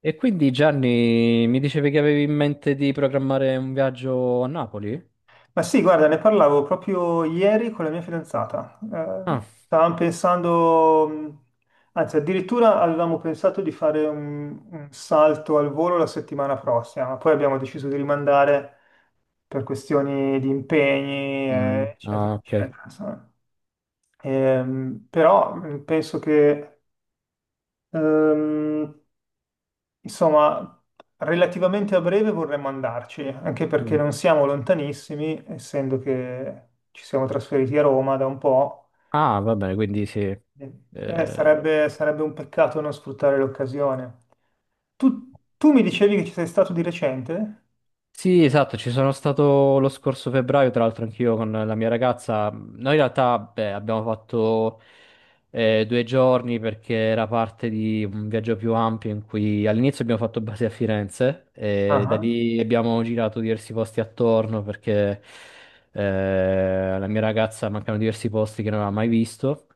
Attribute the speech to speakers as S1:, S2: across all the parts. S1: E quindi Gianni, mi dicevi che avevi in mente di programmare un viaggio a Napoli?
S2: Ma sì, guarda, ne parlavo proprio ieri con la mia fidanzata.
S1: Ah.
S2: Stavamo pensando, anzi, addirittura avevamo pensato di fare un salto al volo la settimana prossima, ma poi abbiamo deciso di rimandare per questioni di impegni,
S1: Mm, ah,
S2: eccetera,
S1: ok.
S2: eccetera. Però penso che ehm, Insomma, relativamente a breve vorremmo andarci, anche perché
S1: Mm.
S2: non siamo lontanissimi, essendo che ci siamo trasferiti a Roma da un po'.
S1: Ah, va bene, quindi sì. Eh,
S2: Sarebbe un peccato non sfruttare l'occasione. Tu mi dicevi che ci sei stato di recente?
S1: Sì, esatto, ci sono stato lo scorso febbraio, tra l'altro anch'io con la mia ragazza. Noi in realtà, beh, abbiamo fatto due giorni, perché era parte di un viaggio più ampio in cui all'inizio abbiamo fatto base a Firenze e da
S2: Ah.
S1: lì abbiamo girato diversi posti attorno perché alla mia ragazza mancavano diversi posti che non aveva mai visto.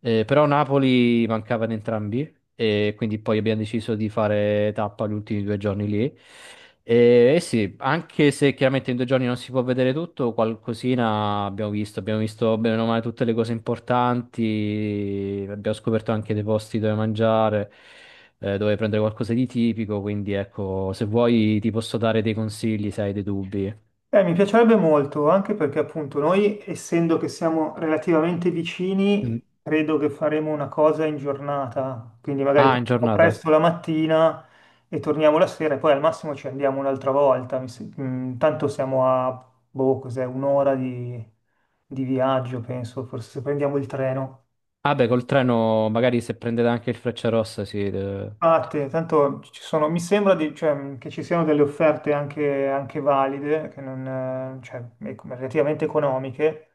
S1: Però Napoli mancava in entrambi e quindi poi abbiamo deciso di fare tappa gli ultimi due giorni lì. E sì, anche se chiaramente in due giorni non si può vedere tutto, qualcosina abbiamo visto. Abbiamo visto bene o male tutte le cose importanti, abbiamo scoperto anche dei posti dove mangiare, dove prendere qualcosa di tipico. Quindi ecco, se vuoi ti posso dare dei consigli, se hai dei dubbi.
S2: Mi piacerebbe molto, anche perché appunto noi, essendo che siamo relativamente
S1: Mm.
S2: vicini, credo che faremo una cosa in giornata, quindi magari
S1: Ah, in
S2: partiamo
S1: giornata.
S2: presto la mattina e torniamo la sera e poi al massimo ci andiamo un'altra volta. Mi se- mm, Tanto siamo a, boh, cos'è, un'ora di viaggio, penso, forse se prendiamo il treno.
S1: Ah beh, col treno magari se prendete anche il Frecciarossa, sì.
S2: Infatti, tanto ci sono, cioè, che ci siano delle offerte anche valide, che non, cioè, e- relativamente economiche.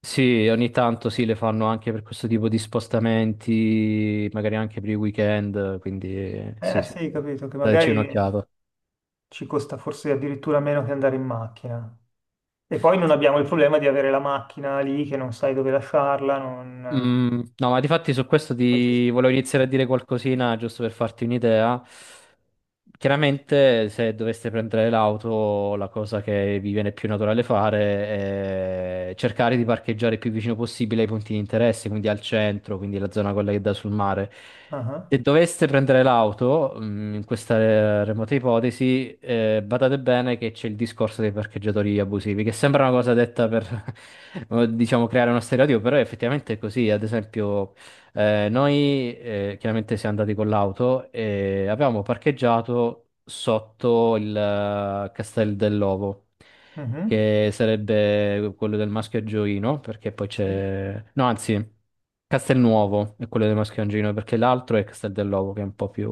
S1: Sì, ogni tanto sì, le fanno anche per questo tipo di spostamenti, magari anche per i weekend, quindi sì,
S2: Eh
S1: sì,
S2: sì,
S1: sì,
S2: capito, che
S1: dateci
S2: magari
S1: un'occhiata.
S2: ci costa forse addirittura meno che andare in macchina. E poi non
S1: Sì.
S2: abbiamo il problema di avere la macchina lì che non sai dove lasciarla, non
S1: Mm, no, ma difatti su questo ti
S2: gestire.
S1: volevo iniziare a dire qualcosina, giusto per farti un'idea. Chiaramente se doveste prendere l'auto, la cosa che vi viene più naturale fare è cercare di parcheggiare il più vicino possibile ai punti di interesse, quindi al centro, quindi la zona quella che dà sul mare.
S2: Ah,
S1: Se
S2: ah.
S1: doveste prendere l'auto, in questa remota ipotesi, badate bene che c'è il discorso dei parcheggiatori abusivi, che sembra una cosa detta per, diciamo, creare uno stereotipo, però effettivamente è così. Ad esempio, noi chiaramente siamo andati con l'auto e avevamo parcheggiato sotto il Castel dell'Ovo,
S2: Mhm.
S1: che sarebbe quello del maschio angioino, perché poi
S2: Sì,
S1: c'è... No, anzi, Castelnuovo è quello del maschio angioino, perché l'altro è Castel dell'Ovo, che è un po' più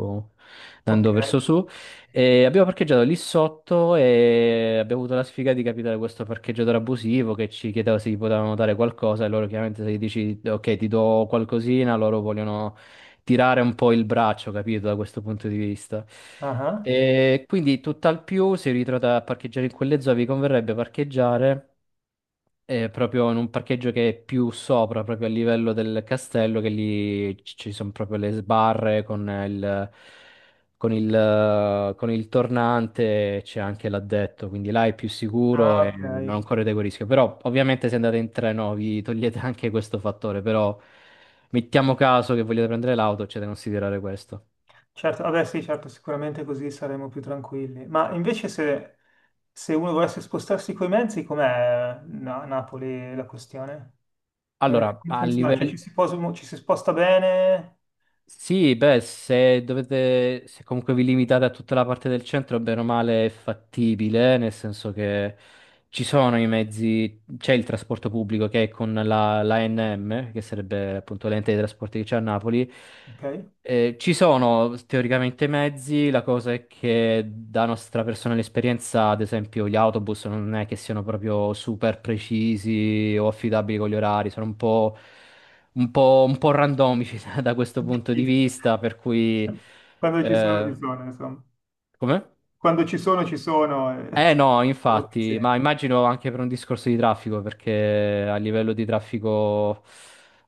S2: ok.
S1: andando verso su. E abbiamo parcheggiato lì sotto e abbiamo avuto la sfiga di capitare questo parcheggiatore abusivo che ci chiedeva se gli potevano dare qualcosa e loro chiaramente se gli dici ok ti do qualcosina, loro vogliono tirare un po' il braccio, capito, da questo punto di vista.
S2: Ah, ah.
S1: E quindi tutt'al più si ritrova a parcheggiare in quelle zone, vi converrebbe parcheggiare proprio in un parcheggio che è più sopra, proprio a livello del castello, che lì ci sono proprio le sbarre con il tornante, c'è anche l'addetto, quindi là è più sicuro
S2: Ah,
S1: e
S2: ok.
S1: non correte quel rischio. Però ovviamente se andate in treno vi togliete anche questo fattore, però mettiamo caso che vogliate prendere l'auto, c'è da considerare questo.
S2: Certo, vabbè sì, certo, sicuramente così saremo più tranquilli. Ma invece se uno volesse spostarsi coi mezzi, com'è a Napoli la questione? Come,
S1: Allora,
S2: come
S1: a
S2: funziona?
S1: livello...
S2: Ci si sposta bene?
S1: Sì, beh, se dovete, se comunque vi limitate a tutta la parte del centro, bene o male è fattibile, nel senso che ci sono i mezzi, c'è il trasporto pubblico che è con l'ANM, che sarebbe appunto l'ente dei trasporti che c'è a Napoli.
S2: Ok.
S1: Ci sono teoricamente i mezzi, la cosa è che da nostra personale esperienza, ad esempio, gli autobus non è che siano proprio super precisi o affidabili con gli orari, sono un po' randomici da questo punto di vista, per cui...
S2: Quando ci
S1: Eh,
S2: sono, insomma.
S1: Come?
S2: Quando ci sono,
S1: No,
S2: sono
S1: infatti, ma
S2: pazienza.
S1: immagino anche per un discorso di traffico, perché a livello di traffico,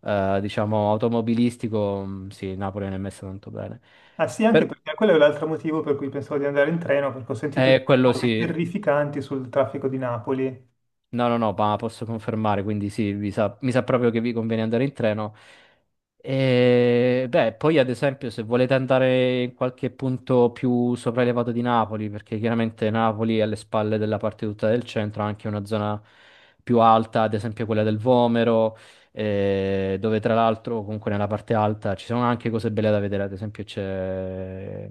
S1: diciamo, automobilistico, sì, Napoli non è messa tanto bene.
S2: Ah sì, anche
S1: Per-
S2: perché quello è l'altro motivo per cui pensavo di andare in treno, perché ho sentito dire
S1: Quello
S2: cose
S1: sì.
S2: terrificanti sul traffico di Napoli.
S1: No, no, no, ma posso confermare, quindi sì, mi sa proprio che vi conviene andare in treno. E, beh, poi ad esempio se volete andare in qualche punto più sopraelevato di Napoli, perché chiaramente Napoli è alle spalle della parte tutta del centro, ha anche una zona più alta, ad esempio quella del Vomero, dove tra l'altro comunque nella parte alta ci sono anche cose belle da vedere, ad esempio c'è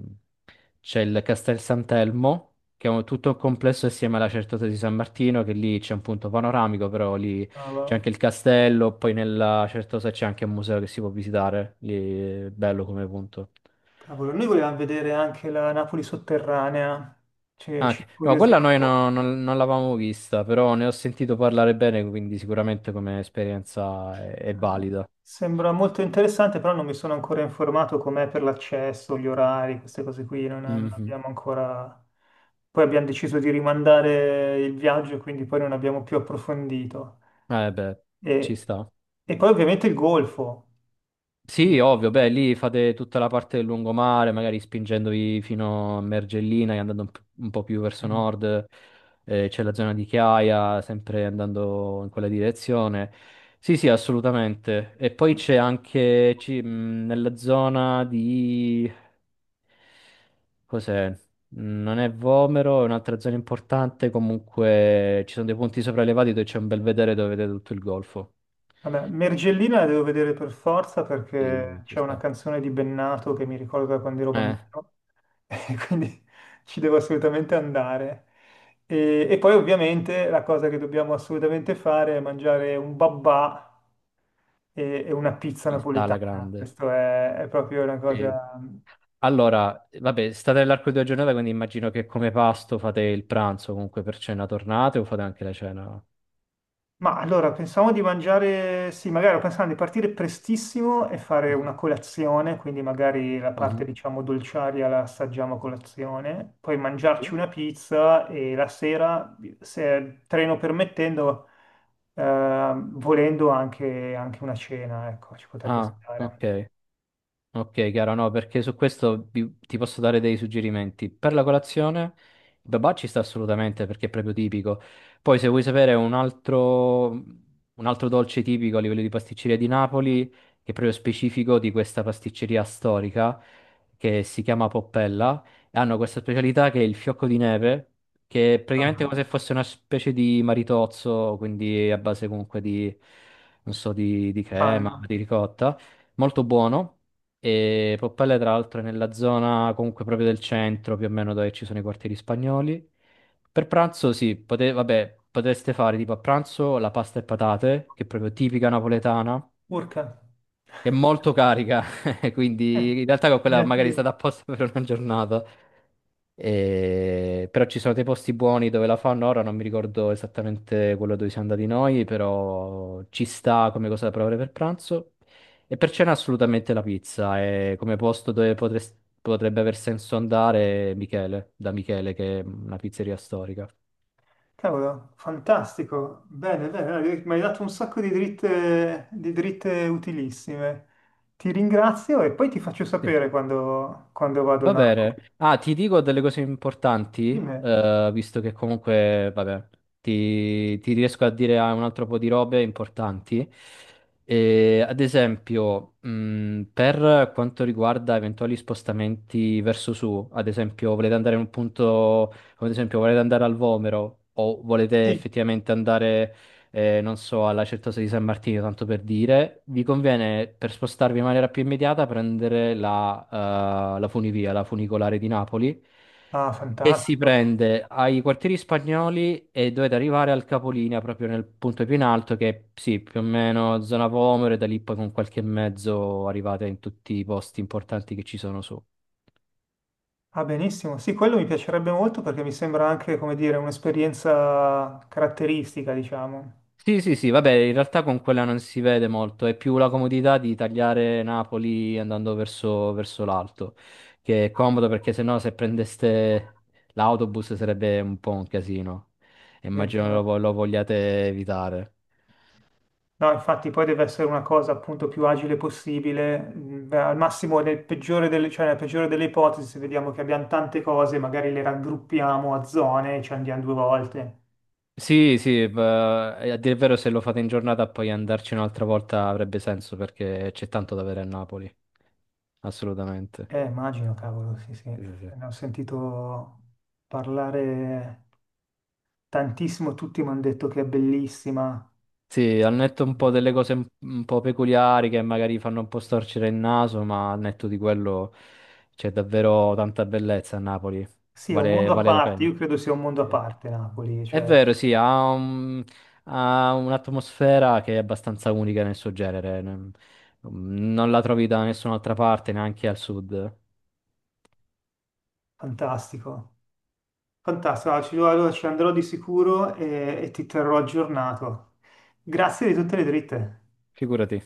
S1: c'è il Castel Sant'Elmo, che è tutto un complesso assieme alla Certosa di San Martino, che lì c'è un punto panoramico, però lì c'è
S2: Cavolo.
S1: anche il castello, poi nella Certosa c'è anche un museo che si può visitare, lì è bello come punto.
S2: Cavolo, noi volevamo vedere anche la Napoli sotterranea, cioè, ci
S1: Anche, no, quella
S2: incuriosiva un
S1: noi no-
S2: po'.
S1: non, non l'avevamo vista, però ne ho sentito parlare bene, quindi sicuramente come esperienza è
S2: Eh,
S1: valida.
S2: Sembra molto interessante, però non mi sono ancora informato com'è per l'accesso, gli orari, queste cose qui, non
S1: Mhm.
S2: abbiamo ancora... Poi abbiamo deciso di rimandare il viaggio, quindi poi non abbiamo più approfondito.
S1: Eh beh, ci
S2: E,
S1: sta.
S2: e poi ovviamente il golfo.
S1: Sì,
S2: Io.
S1: ovvio, beh, lì fate tutta la parte del lungomare, magari spingendovi fino a Mergellina e andando un po' più verso
S2: Mm.
S1: nord, c'è la zona di Chiaia, sempre andando in quella direzione. Sì, sì, assolutamente. E poi c'è anche nella zona di... cos'è? Mm, non è Vomero, è un'altra zona importante, comunque ci sono dei punti sopraelevati dove c'è un bel vedere dove vedete tutto il golfo.
S2: Vabbè, Mergellina la devo vedere per forza
S1: Sì,
S2: perché
S1: ci
S2: c'è una
S1: sta.
S2: canzone di Bennato che mi ricorda quando ero
S1: Eh,
S2: bambino, e quindi ci devo assolutamente andare. E poi ovviamente la cosa che dobbiamo assolutamente fare è mangiare un babà e una pizza
S1: Ci sta alla
S2: napoletana.
S1: grande.
S2: È proprio una
S1: Sì.
S2: cosa...
S1: Allora, vabbè, state nell'arco di due giornate, quindi immagino che come pasto fate il pranzo comunque per cena tornate o fate anche la cena?
S2: Ma allora pensavo di mangiare, sì, magari ho pensato di partire prestissimo e fare
S1: Mhm,
S2: una colazione, quindi magari la parte
S1: mhm,
S2: diciamo dolciaria la assaggiamo a colazione, poi mangiarci
S1: sì.
S2: una pizza e la sera, se treno permettendo, anche una cena, ecco, ci potrebbe
S1: Ah,
S2: stare.
S1: ok. Ok, chiaro, no, perché su questo ti posso dare dei suggerimenti. Per la colazione, il babà ci sta assolutamente perché è proprio tipico. Poi, se vuoi sapere un altro dolce tipico a livello di pasticceria di Napoli, che è proprio specifico di questa pasticceria storica, che si chiama Poppella, e hanno questa specialità che è il fiocco di neve, che è praticamente come
S2: Ah,
S1: se fosse una specie di maritozzo, quindi a base comunque di, non so, di crema,
S2: panna,
S1: di ricotta, molto buono. E Poppelle, tra l'altro, è nella zona comunque proprio del centro, più o meno dove ci sono i quartieri spagnoli. Per pranzo, sì, vabbè, potreste fare tipo a pranzo la pasta e patate, che è proprio tipica napoletana,
S2: urca,
S1: è molto carica,
S2: eh,
S1: quindi in realtà con quella magari è stata
S2: impegnativo.
S1: apposta per una giornata. Però ci sono dei posti buoni dove la fanno, ora non mi ricordo esattamente quello dove siamo andati noi, però ci sta come cosa da provare per pranzo. E per cena assolutamente la pizza, è come posto dove potrebbe aver senso andare Michele, da Michele, che è una pizzeria storica.
S2: Cavolo, fantastico. Bene, bene, dai, mi hai dato un sacco di dritte utilissime. Ti ringrazio e poi ti faccio sapere quando vado a
S1: Va
S2: Napoli.
S1: bene. Ah, ti dico delle cose importanti,
S2: Di me.
S1: visto che comunque, vabbè, ti riesco a dire ah, un altro po' di robe importanti. Ad esempio, per quanto riguarda eventuali spostamenti verso su, ad esempio, volete andare in un punto, come ad esempio, volete andare al Vomero o volete
S2: Sì.
S1: effettivamente andare non so, alla Certosa di San Martino, tanto per dire, vi conviene per spostarvi in maniera più immediata prendere la funivia, la funicolare di Napoli,
S2: Ah,
S1: che si
S2: fantastico.
S1: prende ai quartieri spagnoli e dovete arrivare al capolinea, proprio nel punto più in alto, che è, sì, più o meno zona Vomero, e da lì poi con qualche mezzo arrivate in tutti i posti importanti che ci sono su.
S2: Ah, benissimo. Sì, quello mi piacerebbe molto perché mi sembra anche, come dire, un'esperienza caratteristica, diciamo.
S1: Sì, sì, sì, vabbè, in realtà con quella non si vede molto, è più la comodità di tagliare Napoli andando verso l'alto, che è comodo perché sennò se prendeste l'autobus sarebbe un po' un casino. Immagino
S2: Diventa-
S1: lo vogliate evitare.
S2: No, infatti poi deve essere una cosa appunto più agile possibile, al massimo cioè nella peggiore delle ipotesi, se vediamo che abbiamo tante cose, magari le raggruppiamo a zone e ci andiamo due volte.
S1: Sì, sì, beh, e a dire il vero, se lo fate in giornata poi andarci un'altra volta avrebbe senso perché c'è tanto da vedere a Napoli, assolutamente.
S2: Immagino, cavolo, sì, sì.
S1: Sì, sì, sì.
S2: Ne ho sentito parlare tantissimo, tutti mi hanno detto che è bellissima.
S1: Sì, al netto un po' delle cose un po' peculiari che magari fanno un po' storcere il naso, ma al netto di quello c'è davvero tanta bellezza a Napoli,
S2: Sì, è un mondo a
S1: vale la
S2: parte,
S1: pena.
S2: io credo sia un mondo a
S1: Sì.
S2: parte Napoli,
S1: È
S2: cioè
S1: vero, sì, ha un'atmosfera che è abbastanza unica nel suo genere, non la trovi da nessun'altra parte, neanche al sud,
S2: fantastico. Fantastico, allora ci andrò di sicuro e ti terrò aggiornato. Grazie di tutte le dritte.
S1: figurati.